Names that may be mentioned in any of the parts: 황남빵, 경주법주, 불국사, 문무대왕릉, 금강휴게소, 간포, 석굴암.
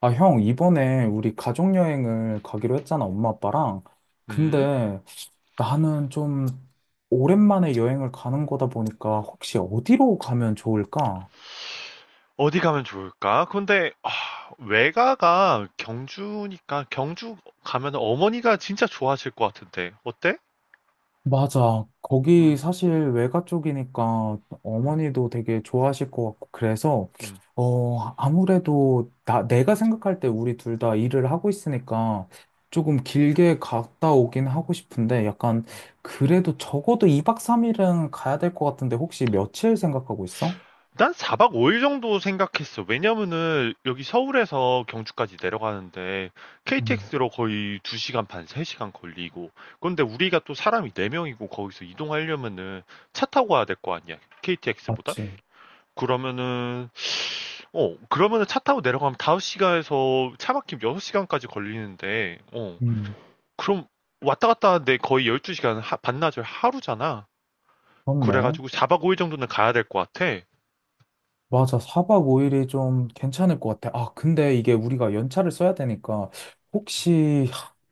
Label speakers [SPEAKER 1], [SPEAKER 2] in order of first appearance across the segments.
[SPEAKER 1] 아, 형, 이번에 우리 가족여행을 가기로 했잖아, 엄마, 아빠랑.
[SPEAKER 2] 음,
[SPEAKER 1] 근데 나는 좀 오랜만에 여행을 가는 거다 보니까 혹시 어디로 가면 좋을까?
[SPEAKER 2] 어디 가면 좋을까? 근데, 아, 외가가 경주니까, 경주 가면 어머니가 진짜 좋아하실 것 같은데, 어때?
[SPEAKER 1] 맞아. 거기
[SPEAKER 2] 음,
[SPEAKER 1] 사실 외가 쪽이니까
[SPEAKER 2] 음,
[SPEAKER 1] 어머니도 되게 좋아하실 것 같고, 그래서,
[SPEAKER 2] 음.
[SPEAKER 1] 어, 아무래도 내가 생각할 때 우리 둘 다 일을 하고 있으니까 조금 길게 갔다 오긴 하고 싶은데, 약간, 그래도 적어도 2박 3일은 가야 될 것 같은데, 혹시 며칠 생각하고 있어?
[SPEAKER 2] 난 4박 5일 정도 생각했어. 왜냐면은, 여기 서울에서 경주까지 내려가는데,
[SPEAKER 1] 음,
[SPEAKER 2] KTX로 거의 2시간 반, 3시간 걸리고, 근데 우리가 또 사람이 4명이고, 거기서 이동하려면은, 차 타고 와야 될 거 아니야, KTX보다?
[SPEAKER 1] 맞지.
[SPEAKER 2] 그러면은, 그러면은 차 타고 내려가면 5시간에서 차 막히면 6시간까지 걸리는데,
[SPEAKER 1] 음,
[SPEAKER 2] 그럼 왔다 갔다 하는데 거의 12시간, 반나절 하루잖아.
[SPEAKER 1] 그렇네.
[SPEAKER 2] 그래가지고 4박 5일 정도는 가야 될 것 같아.
[SPEAKER 1] 맞아. 4박 5일이 좀 괜찮을 것 같아. 아, 근데 이게 우리가 연차를 써야 되니까 혹시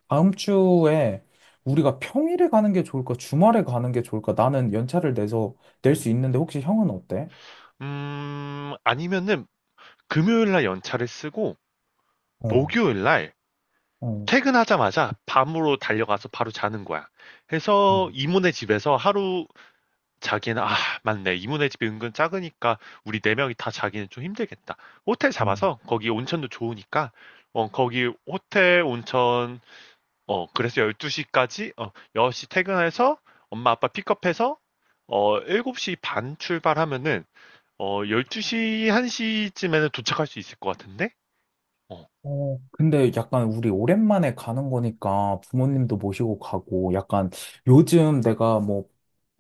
[SPEAKER 1] 다음 주에
[SPEAKER 2] 음,
[SPEAKER 1] 우리가 평일에 가는 게 좋을까? 주말에 가는 게 좋을까? 나는 연차를 내서 낼 수
[SPEAKER 2] 음.
[SPEAKER 1] 있는데 혹시 형은 어때?
[SPEAKER 2] 아니면은 금요일 날 연차를 쓰고,
[SPEAKER 1] 어,
[SPEAKER 2] 목요일 날
[SPEAKER 1] 어.
[SPEAKER 2] 퇴근하자마자 밤으로 달려가서 바로 자는 거야. 해서 이모네 집에서 하루, 자기는 '아 맞네. 이모네 집이 은근 작으니까 우리 네 명이 다 자기는 좀 힘들겠다.' 호텔
[SPEAKER 1] 음.
[SPEAKER 2] 잡아서 거기 온천도 좋으니까 거기 호텔 온천 그래서 12시 시까지 어1시 퇴근해서 엄마 아빠 픽업해서 어7시 반 출발하면은 1 2시한1 쯤에는 도착할 수 있을 것 같은데? 어.
[SPEAKER 1] 어, 근데 약간 우리 오랜만에 가는 거니까 부모님도
[SPEAKER 2] 음
[SPEAKER 1] 모시고 가고 약간 요즘 내가 뭐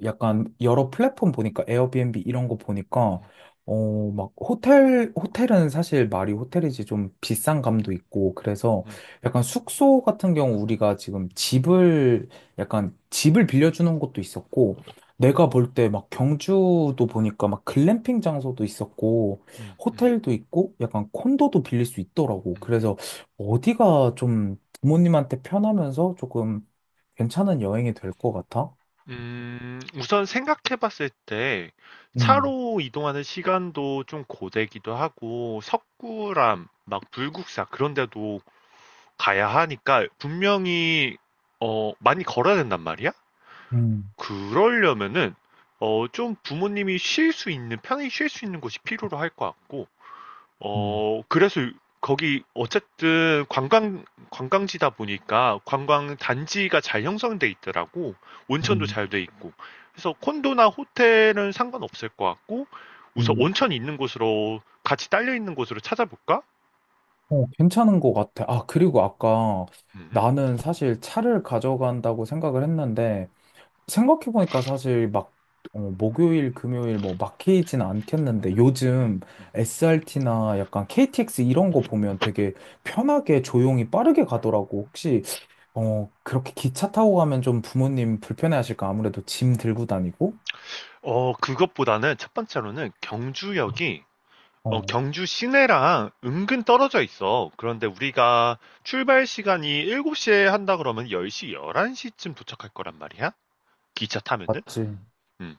[SPEAKER 1] 약간 여러 플랫폼 보니까 에어비앤비 이런 거 보니까
[SPEAKER 2] 음
[SPEAKER 1] 어, 막 호텔은 사실 말이 호텔이지 좀 비싼 감도 있고 그래서
[SPEAKER 2] 음
[SPEAKER 1] 약간 숙소 같은 경우 우리가 지금 집을 약간 집을 빌려주는 것도 있었고 내가 볼 때 막 경주도 보니까 막 글램핑 장소도 있었고
[SPEAKER 2] 음 음.
[SPEAKER 1] 호텔도 있고 약간 콘도도 빌릴 수 있더라고.
[SPEAKER 2] 음.
[SPEAKER 1] 그래서 어디가 좀 부모님한테 편하면서 조금 괜찮은 여행이 될 것 같아?
[SPEAKER 2] 우선 생각해 봤을 때
[SPEAKER 1] 음,
[SPEAKER 2] 차로 이동하는 시간도 좀 고되기도 하고 석굴암, 막 불국사 그런 데도 가야 하니까 분명히 많이 걸어야 된단 말이야?
[SPEAKER 1] 음,
[SPEAKER 2] 그러려면은 좀 부모님이 쉴 수 있는 편히 쉴 수 있는 곳이 필요로 할 것 같고
[SPEAKER 1] 음,
[SPEAKER 2] 그래서 거기 어쨌든 관광지다 보니까 관광 단지가 잘 형성돼 있더라고. 온천도
[SPEAKER 1] 음,
[SPEAKER 2] 잘 돼 있고. 그래서 콘도나 호텔은 상관없을 것 같고, 우선
[SPEAKER 1] 음.
[SPEAKER 2] 온천 있는 곳으로, 같이 딸려 있는 곳으로 찾아볼까?
[SPEAKER 1] 어, 괜찮은 것 같아. 아, 그리고 아까
[SPEAKER 2] 음,
[SPEAKER 1] 나는 사실 차를 가져간다고 생각을 했는데 생각해보니까 사실 막 어, 목요일, 금요일 뭐 막히진 않겠는데
[SPEAKER 2] 음,
[SPEAKER 1] 요즘
[SPEAKER 2] 음.
[SPEAKER 1] SRT나 약간 KTX 이런 거 보면 되게 편하게 조용히 빠르게 가더라고. 혹시 어, 그렇게 기차 타고 가면 좀 부모님 불편해하실까? 아무래도 짐 들고 다니고?
[SPEAKER 2] 그것보다는 첫 번째로는 경주역이,
[SPEAKER 1] 어,
[SPEAKER 2] 경주 시내랑 은근 떨어져 있어. 그런데 우리가 출발 시간이 7시에 한다 그러면 10시, 11시쯤 도착할 거란 말이야. 기차 타면은?
[SPEAKER 1] 맞지.
[SPEAKER 2] 음.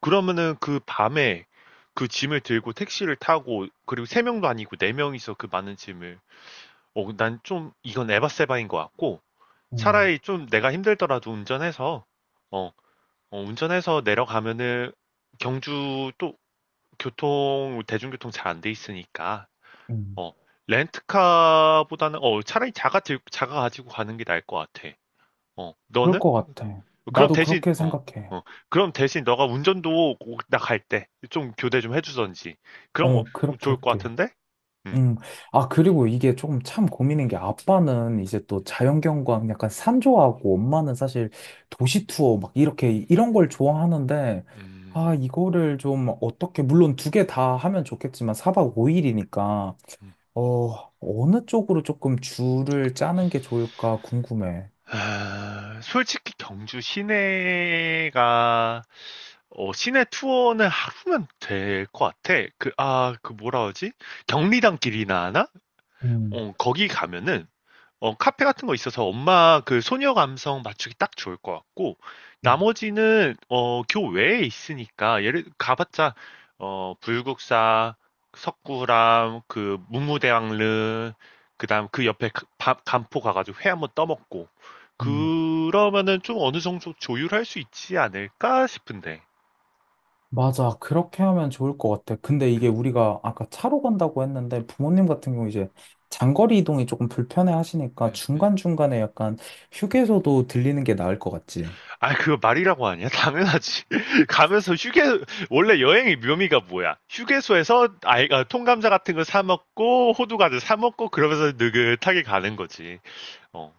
[SPEAKER 2] 그러면은 그 밤에 그 짐을 들고 택시를 타고 그리고 세 명도 아니고 네 명이서 그 많은 짐을 난 좀 이건 에바세바인 것 같고
[SPEAKER 1] 음,
[SPEAKER 2] 차라리 좀 내가 힘들더라도 어, 운전해서 내려가면은 경주 또 교통 대중교통 잘 안 돼 있으니까
[SPEAKER 1] 음.
[SPEAKER 2] 어, 렌트카보다는 차라리 자가 가지고 가는 게 나을 것 같아.
[SPEAKER 1] 그럴
[SPEAKER 2] 너는?
[SPEAKER 1] 것 같아.
[SPEAKER 2] 그럼
[SPEAKER 1] 나도
[SPEAKER 2] 대신
[SPEAKER 1] 그렇게
[SPEAKER 2] 어,
[SPEAKER 1] 생각해.
[SPEAKER 2] 어. 그럼 대신 너가 운전도 나갈 때 좀 교대 좀 해주던지. 그럼
[SPEAKER 1] 어, 그렇게
[SPEAKER 2] 좋을 것
[SPEAKER 1] 할게.
[SPEAKER 2] 같은데? 음.
[SPEAKER 1] 음, 아, 그리고 이게 조금 참 고민인 게 아빠는 이제 또 자연경관 약간 산 좋아하고 엄마는 사실 도시 투어 막 이렇게 이런 걸 좋아하는데 아,
[SPEAKER 2] 음.
[SPEAKER 1] 이거를 좀 어떻게, 물론 두 개 다 하면 좋겠지만 4박 5일이니까
[SPEAKER 2] 음.
[SPEAKER 1] 어, 어느 쪽으로 조금 줄을 짜는 게 좋을까 궁금해.
[SPEAKER 2] 아, 솔직히 시내 투어는 하루면 될 것 같아. 그, 아, 그 뭐라 하지? 경리단 길이나 하나?
[SPEAKER 1] 음,
[SPEAKER 2] 거기 가면은 카페 같은 거 있어서 엄마 그 소녀 감성 맞추기 딱 좋을 것 같고 나머지는 교외에 있으니까 예를 가봤자 불국사, 석굴암, 그 문무대왕릉 그다음 그 옆에 간포 가가지고 회 한번 떠먹고
[SPEAKER 1] 음.
[SPEAKER 2] 그러면은 좀 어느 정도 조율할 수 있지 않을까 싶은데.
[SPEAKER 1] 맞아. 그렇게 하면 좋을 것 같아. 근데 이게
[SPEAKER 2] 음,
[SPEAKER 1] 우리가 아까 차로 간다고 했는데 부모님 같은 경우 이제 장거리 이동이 조금 불편해 하시니까
[SPEAKER 2] 음, 음.
[SPEAKER 1] 중간중간에 약간 휴게소도 들리는 게 나을 것 같지.
[SPEAKER 2] 아, 그거 말이라고 하냐? 당연하지. 가면서 휴게, 원래 여행의 묘미가 뭐야? 휴게소에서 아이가 통감자 같은 거 사먹고, 호두과자 사먹고, 그러면서 느긋하게 가는 거지. 어.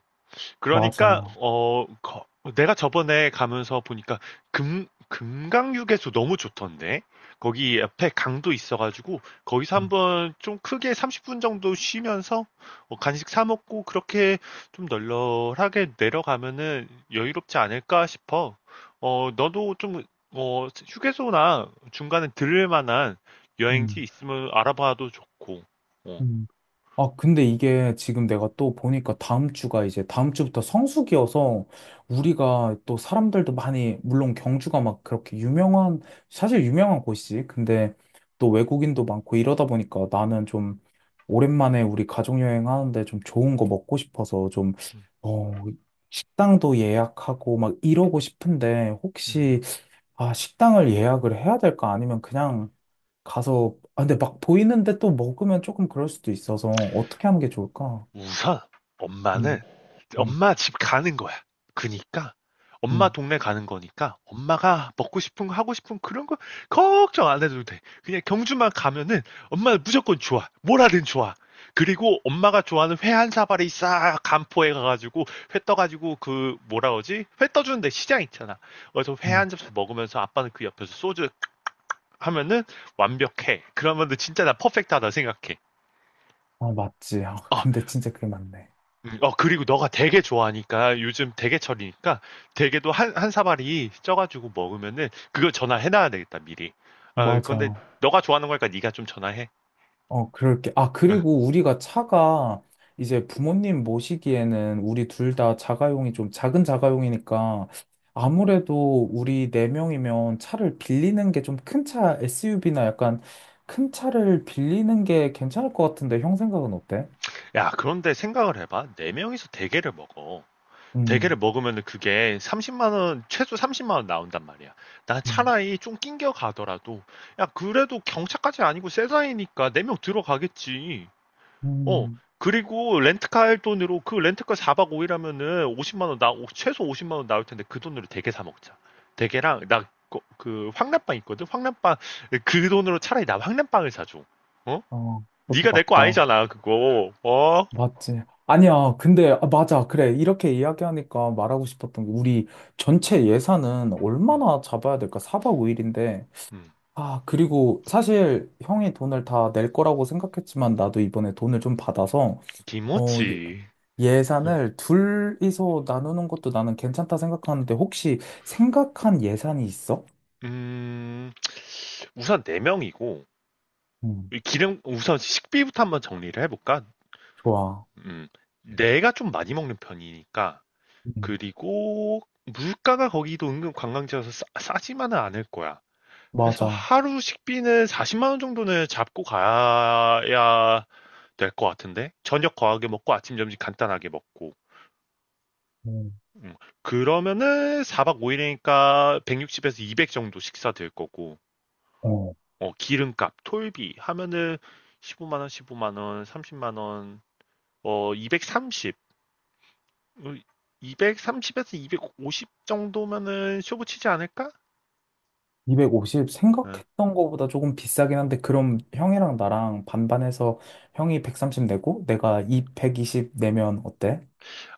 [SPEAKER 2] 그러니까
[SPEAKER 1] 맞아.
[SPEAKER 2] 내가 저번에 가면서 보니까 금 금강휴게소 너무 좋던데 거기 옆에 강도 있어가지고 거기서
[SPEAKER 1] 음,
[SPEAKER 2] 한번 좀 크게 30분 정도 쉬면서 간식 사 먹고 그렇게 좀 널널하게 내려가면은 여유롭지 않을까 싶어. 너도 좀 휴게소나 중간에 들을 만한 여행지 있으면 알아봐도 좋고. 어,
[SPEAKER 1] 음. 아, 근데 이게 지금 내가 또 보니까 다음 주가 이제 다음 주부터 성수기여서 우리가 또 사람들도 많이, 물론 경주가 막 그렇게 유명한, 사실 유명한 곳이지. 근데 또 외국인도 많고 이러다 보니까 나는 좀 오랜만에 우리 가족여행 하는데 좀 좋은 거 먹고 싶어서 좀,
[SPEAKER 2] 음,
[SPEAKER 1] 어, 식당도 예약하고 막 이러고 싶은데
[SPEAKER 2] 음.
[SPEAKER 1] 혹시, 아, 식당을 예약을 해야 될까? 아니면 그냥 가서, 아, 근데 막 보이는데 또 먹으면 조금 그럴 수도 있어서 어떻게 하는 게 좋을까?
[SPEAKER 2] 우선 엄마는
[SPEAKER 1] 음, 음,
[SPEAKER 2] 엄마 집 가는 거야. 그니까 엄마
[SPEAKER 1] 음,
[SPEAKER 2] 동네 가는 거니까 엄마가 먹고 싶은 거 하고 싶은 그런 거 걱정 안 해도 돼. 그냥 경주만 가면은 엄마 무조건 좋아. 뭐라든 좋아. 그리고 엄마가 좋아하는 회 한 사발이 싹 간포에 가가지고 회 떠가지고 그 뭐라 그러지? 회 떠주는데 시장 있잖아. 그래서 회
[SPEAKER 1] 음.
[SPEAKER 2] 한 접시 먹으면서 아빠는 그 옆에서 소주 하면은 완벽해. 그러면은 진짜 나 퍼펙트하다 생각해.
[SPEAKER 1] 아, 맞지. 아,
[SPEAKER 2] 어,
[SPEAKER 1] 근데 진짜 그게 맞네.
[SPEAKER 2] 그리고 너가 대게 좋아하니까 요즘 대게철이니까 대게도 한, 한 사발이 쪄가지고 먹으면은 그걸 전화해놔야 되겠다, 미리. 근데
[SPEAKER 1] 맞아.
[SPEAKER 2] 너가 좋아하는 거니까 네가 좀 전화해.
[SPEAKER 1] 어, 그럴게. 아,
[SPEAKER 2] 어.
[SPEAKER 1] 그리고 우리가 차가 이제 부모님 모시기에는 우리 둘 다 자가용이 좀 작은 자가용이니까 아무래도 우리 네 명이면 차를 빌리는 게 좀 큰 차, SUV나 약간 큰 차를 빌리는 게 괜찮을 것 같은데 형 생각은 어때?
[SPEAKER 2] 야, 그런데 생각을 해봐. 네 명이서 대게를 먹어. 대게를
[SPEAKER 1] 음,
[SPEAKER 2] 먹으면은 그게 30만 원, 최소 30만 원 나온단 말이야. 나
[SPEAKER 1] 음,
[SPEAKER 2] 차라리 좀 낑겨 가더라도, 야, 그래도 경차까지 아니고 세사이니까 네 명 들어가겠지. 어,
[SPEAKER 1] 음.
[SPEAKER 2] 그리고 렌트카 할 돈으로 그 렌트카 4박 5일 하면은 50만 원 최소 50만 원 나올 텐데 그 돈으로 대게 사 먹자. 대게랑 나 그 황남빵 있거든. 황남빵 그 돈으로 차라리 나 황남빵을 사줘. 어?
[SPEAKER 1] 어, 그것도
[SPEAKER 2] 네가 내 거
[SPEAKER 1] 맞다.
[SPEAKER 2] 아니잖아 그거. 어?
[SPEAKER 1] 맞지. 아니야. 근데, 아, 맞아. 그래. 이렇게 이야기하니까 말하고 싶었던 게, 우리 전체 예산은
[SPEAKER 2] 음,
[SPEAKER 1] 얼마나 잡아야 될까? 4박 5일인데.
[SPEAKER 2] 음.
[SPEAKER 1] 아, 그리고 사실 형이 돈을 다 낼 거라고 생각했지만, 나도 이번에 돈을 좀 받아서, 어,
[SPEAKER 2] 김치.
[SPEAKER 1] 예산을 둘이서 나누는 것도 나는 괜찮다 생각하는데, 혹시 생각한 예산이 있어?
[SPEAKER 2] 음, 우선 4명이고
[SPEAKER 1] 음,
[SPEAKER 2] 기름 우선 식비부터 한번 정리를 해볼까?
[SPEAKER 1] 좋아.
[SPEAKER 2] 음, 내가 좀 많이 먹는 편이니까
[SPEAKER 1] 음,
[SPEAKER 2] 그리고 물가가 거기도 은근 관광지여서 싸, 지만은 않을 거야. 그래서
[SPEAKER 1] 맞아.
[SPEAKER 2] 하루 식비는 40만 원 정도는 잡고 가야 될 것 같은데 저녁 거하게 먹고 아침 점심 간단하게 먹고
[SPEAKER 1] 음,
[SPEAKER 2] 음, 그러면은 4박 5일이니까 160에서 200 정도 식사 될 거고
[SPEAKER 1] 어.
[SPEAKER 2] 기름값, 톨비 하면은 15만 원, 15만 원, 30만 원, 230, 230에서 250 정도면은 쇼부 치지 않을까?
[SPEAKER 1] 250
[SPEAKER 2] 어.
[SPEAKER 1] 생각했던 거보다 조금 비싸긴 한데 그럼 형이랑 나랑 반반해서 형이 130 내고 내가 이백2 0 내면 어때?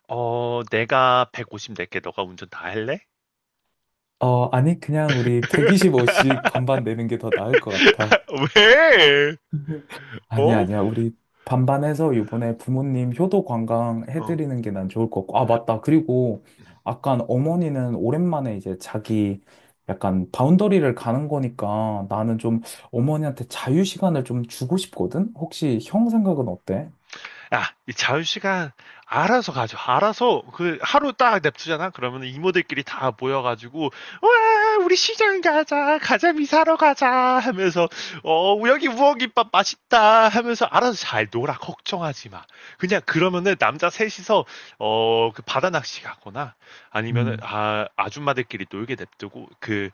[SPEAKER 2] 내가 150 낼게. 너가 운전 다 할래?
[SPEAKER 1] 어, 아니 그냥 우리 125씩 반반 내는 게 더 나을 것 같아.
[SPEAKER 2] 왜?
[SPEAKER 1] 아니야,
[SPEAKER 2] 어?
[SPEAKER 1] 아니야. 우리 반반해서 이번에 부모님 효도 관광
[SPEAKER 2] 어.
[SPEAKER 1] 해드리는 게 난 좋을 것 같고. 아, 맞다. 그리고 약간 어머니는 오랜만에 이제 자기 약간 바운더리를 가는 거니까 나는 좀 어머니한테 자유 시간을 좀 주고 싶거든? 혹시 형 생각은 어때?
[SPEAKER 2] 야, 이 자유시간 알아서 가죠. 알아서 그 하루 딱 냅두잖아. 그러면 이모들끼리 다 모여가지고 와 우리 시장 가자 가자미 사러 가자 하면서 여기 우엉김밥 맛있다 하면서 알아서 잘 놀아 걱정하지 마. 그냥 그러면은 남자 셋이서 어 그 바다 낚시 가거나 아니면은
[SPEAKER 1] 음,
[SPEAKER 2] 아 아줌마들끼리 놀게 냅두고 그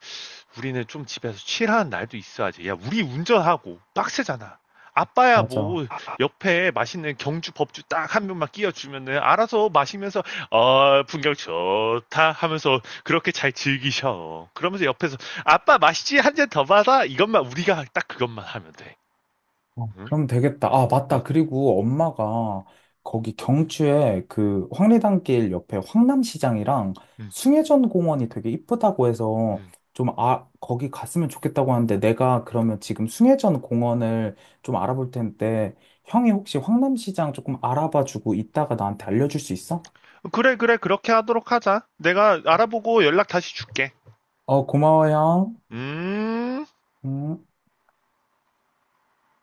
[SPEAKER 2] 우리는 좀 집에서 칠하는 날도 있어야지. 야 우리 운전하고 빡세잖아. 아빠야
[SPEAKER 1] 맞아.
[SPEAKER 2] 뭐 옆에 맛있는 경주 법주 딱 한 병만 끼워주면은 알아서 마시면서 풍경 좋다 하면서 그렇게 잘 즐기셔. 그러면서 옆에서 아빠 마시지 한 잔 더 받아 이것만 우리가 딱 그것만 하면 돼.
[SPEAKER 1] 어,
[SPEAKER 2] 응?
[SPEAKER 1] 그럼 되겠다. 아,
[SPEAKER 2] 응,
[SPEAKER 1] 맞다. 그리고 엄마가 거기 경주에 그 황리단길 옆에 황남시장이랑
[SPEAKER 2] 응,
[SPEAKER 1] 숭례전 공원이 되게 이쁘다고 해서
[SPEAKER 2] 응.
[SPEAKER 1] 좀 아, 거기 갔으면 좋겠다고 하는데 내가 그러면 지금 숭례전 공원을 좀 알아볼 텐데 형이 혹시 황남시장 조금 알아봐 주고 이따가 나한테 알려줄 수 있어?
[SPEAKER 2] 그래 그래 그렇게 하도록 하자. 내가
[SPEAKER 1] 어,
[SPEAKER 2] 알아보고 연락 다시 줄게.
[SPEAKER 1] 어, 고마워, 형.
[SPEAKER 2] 음.
[SPEAKER 1] 음.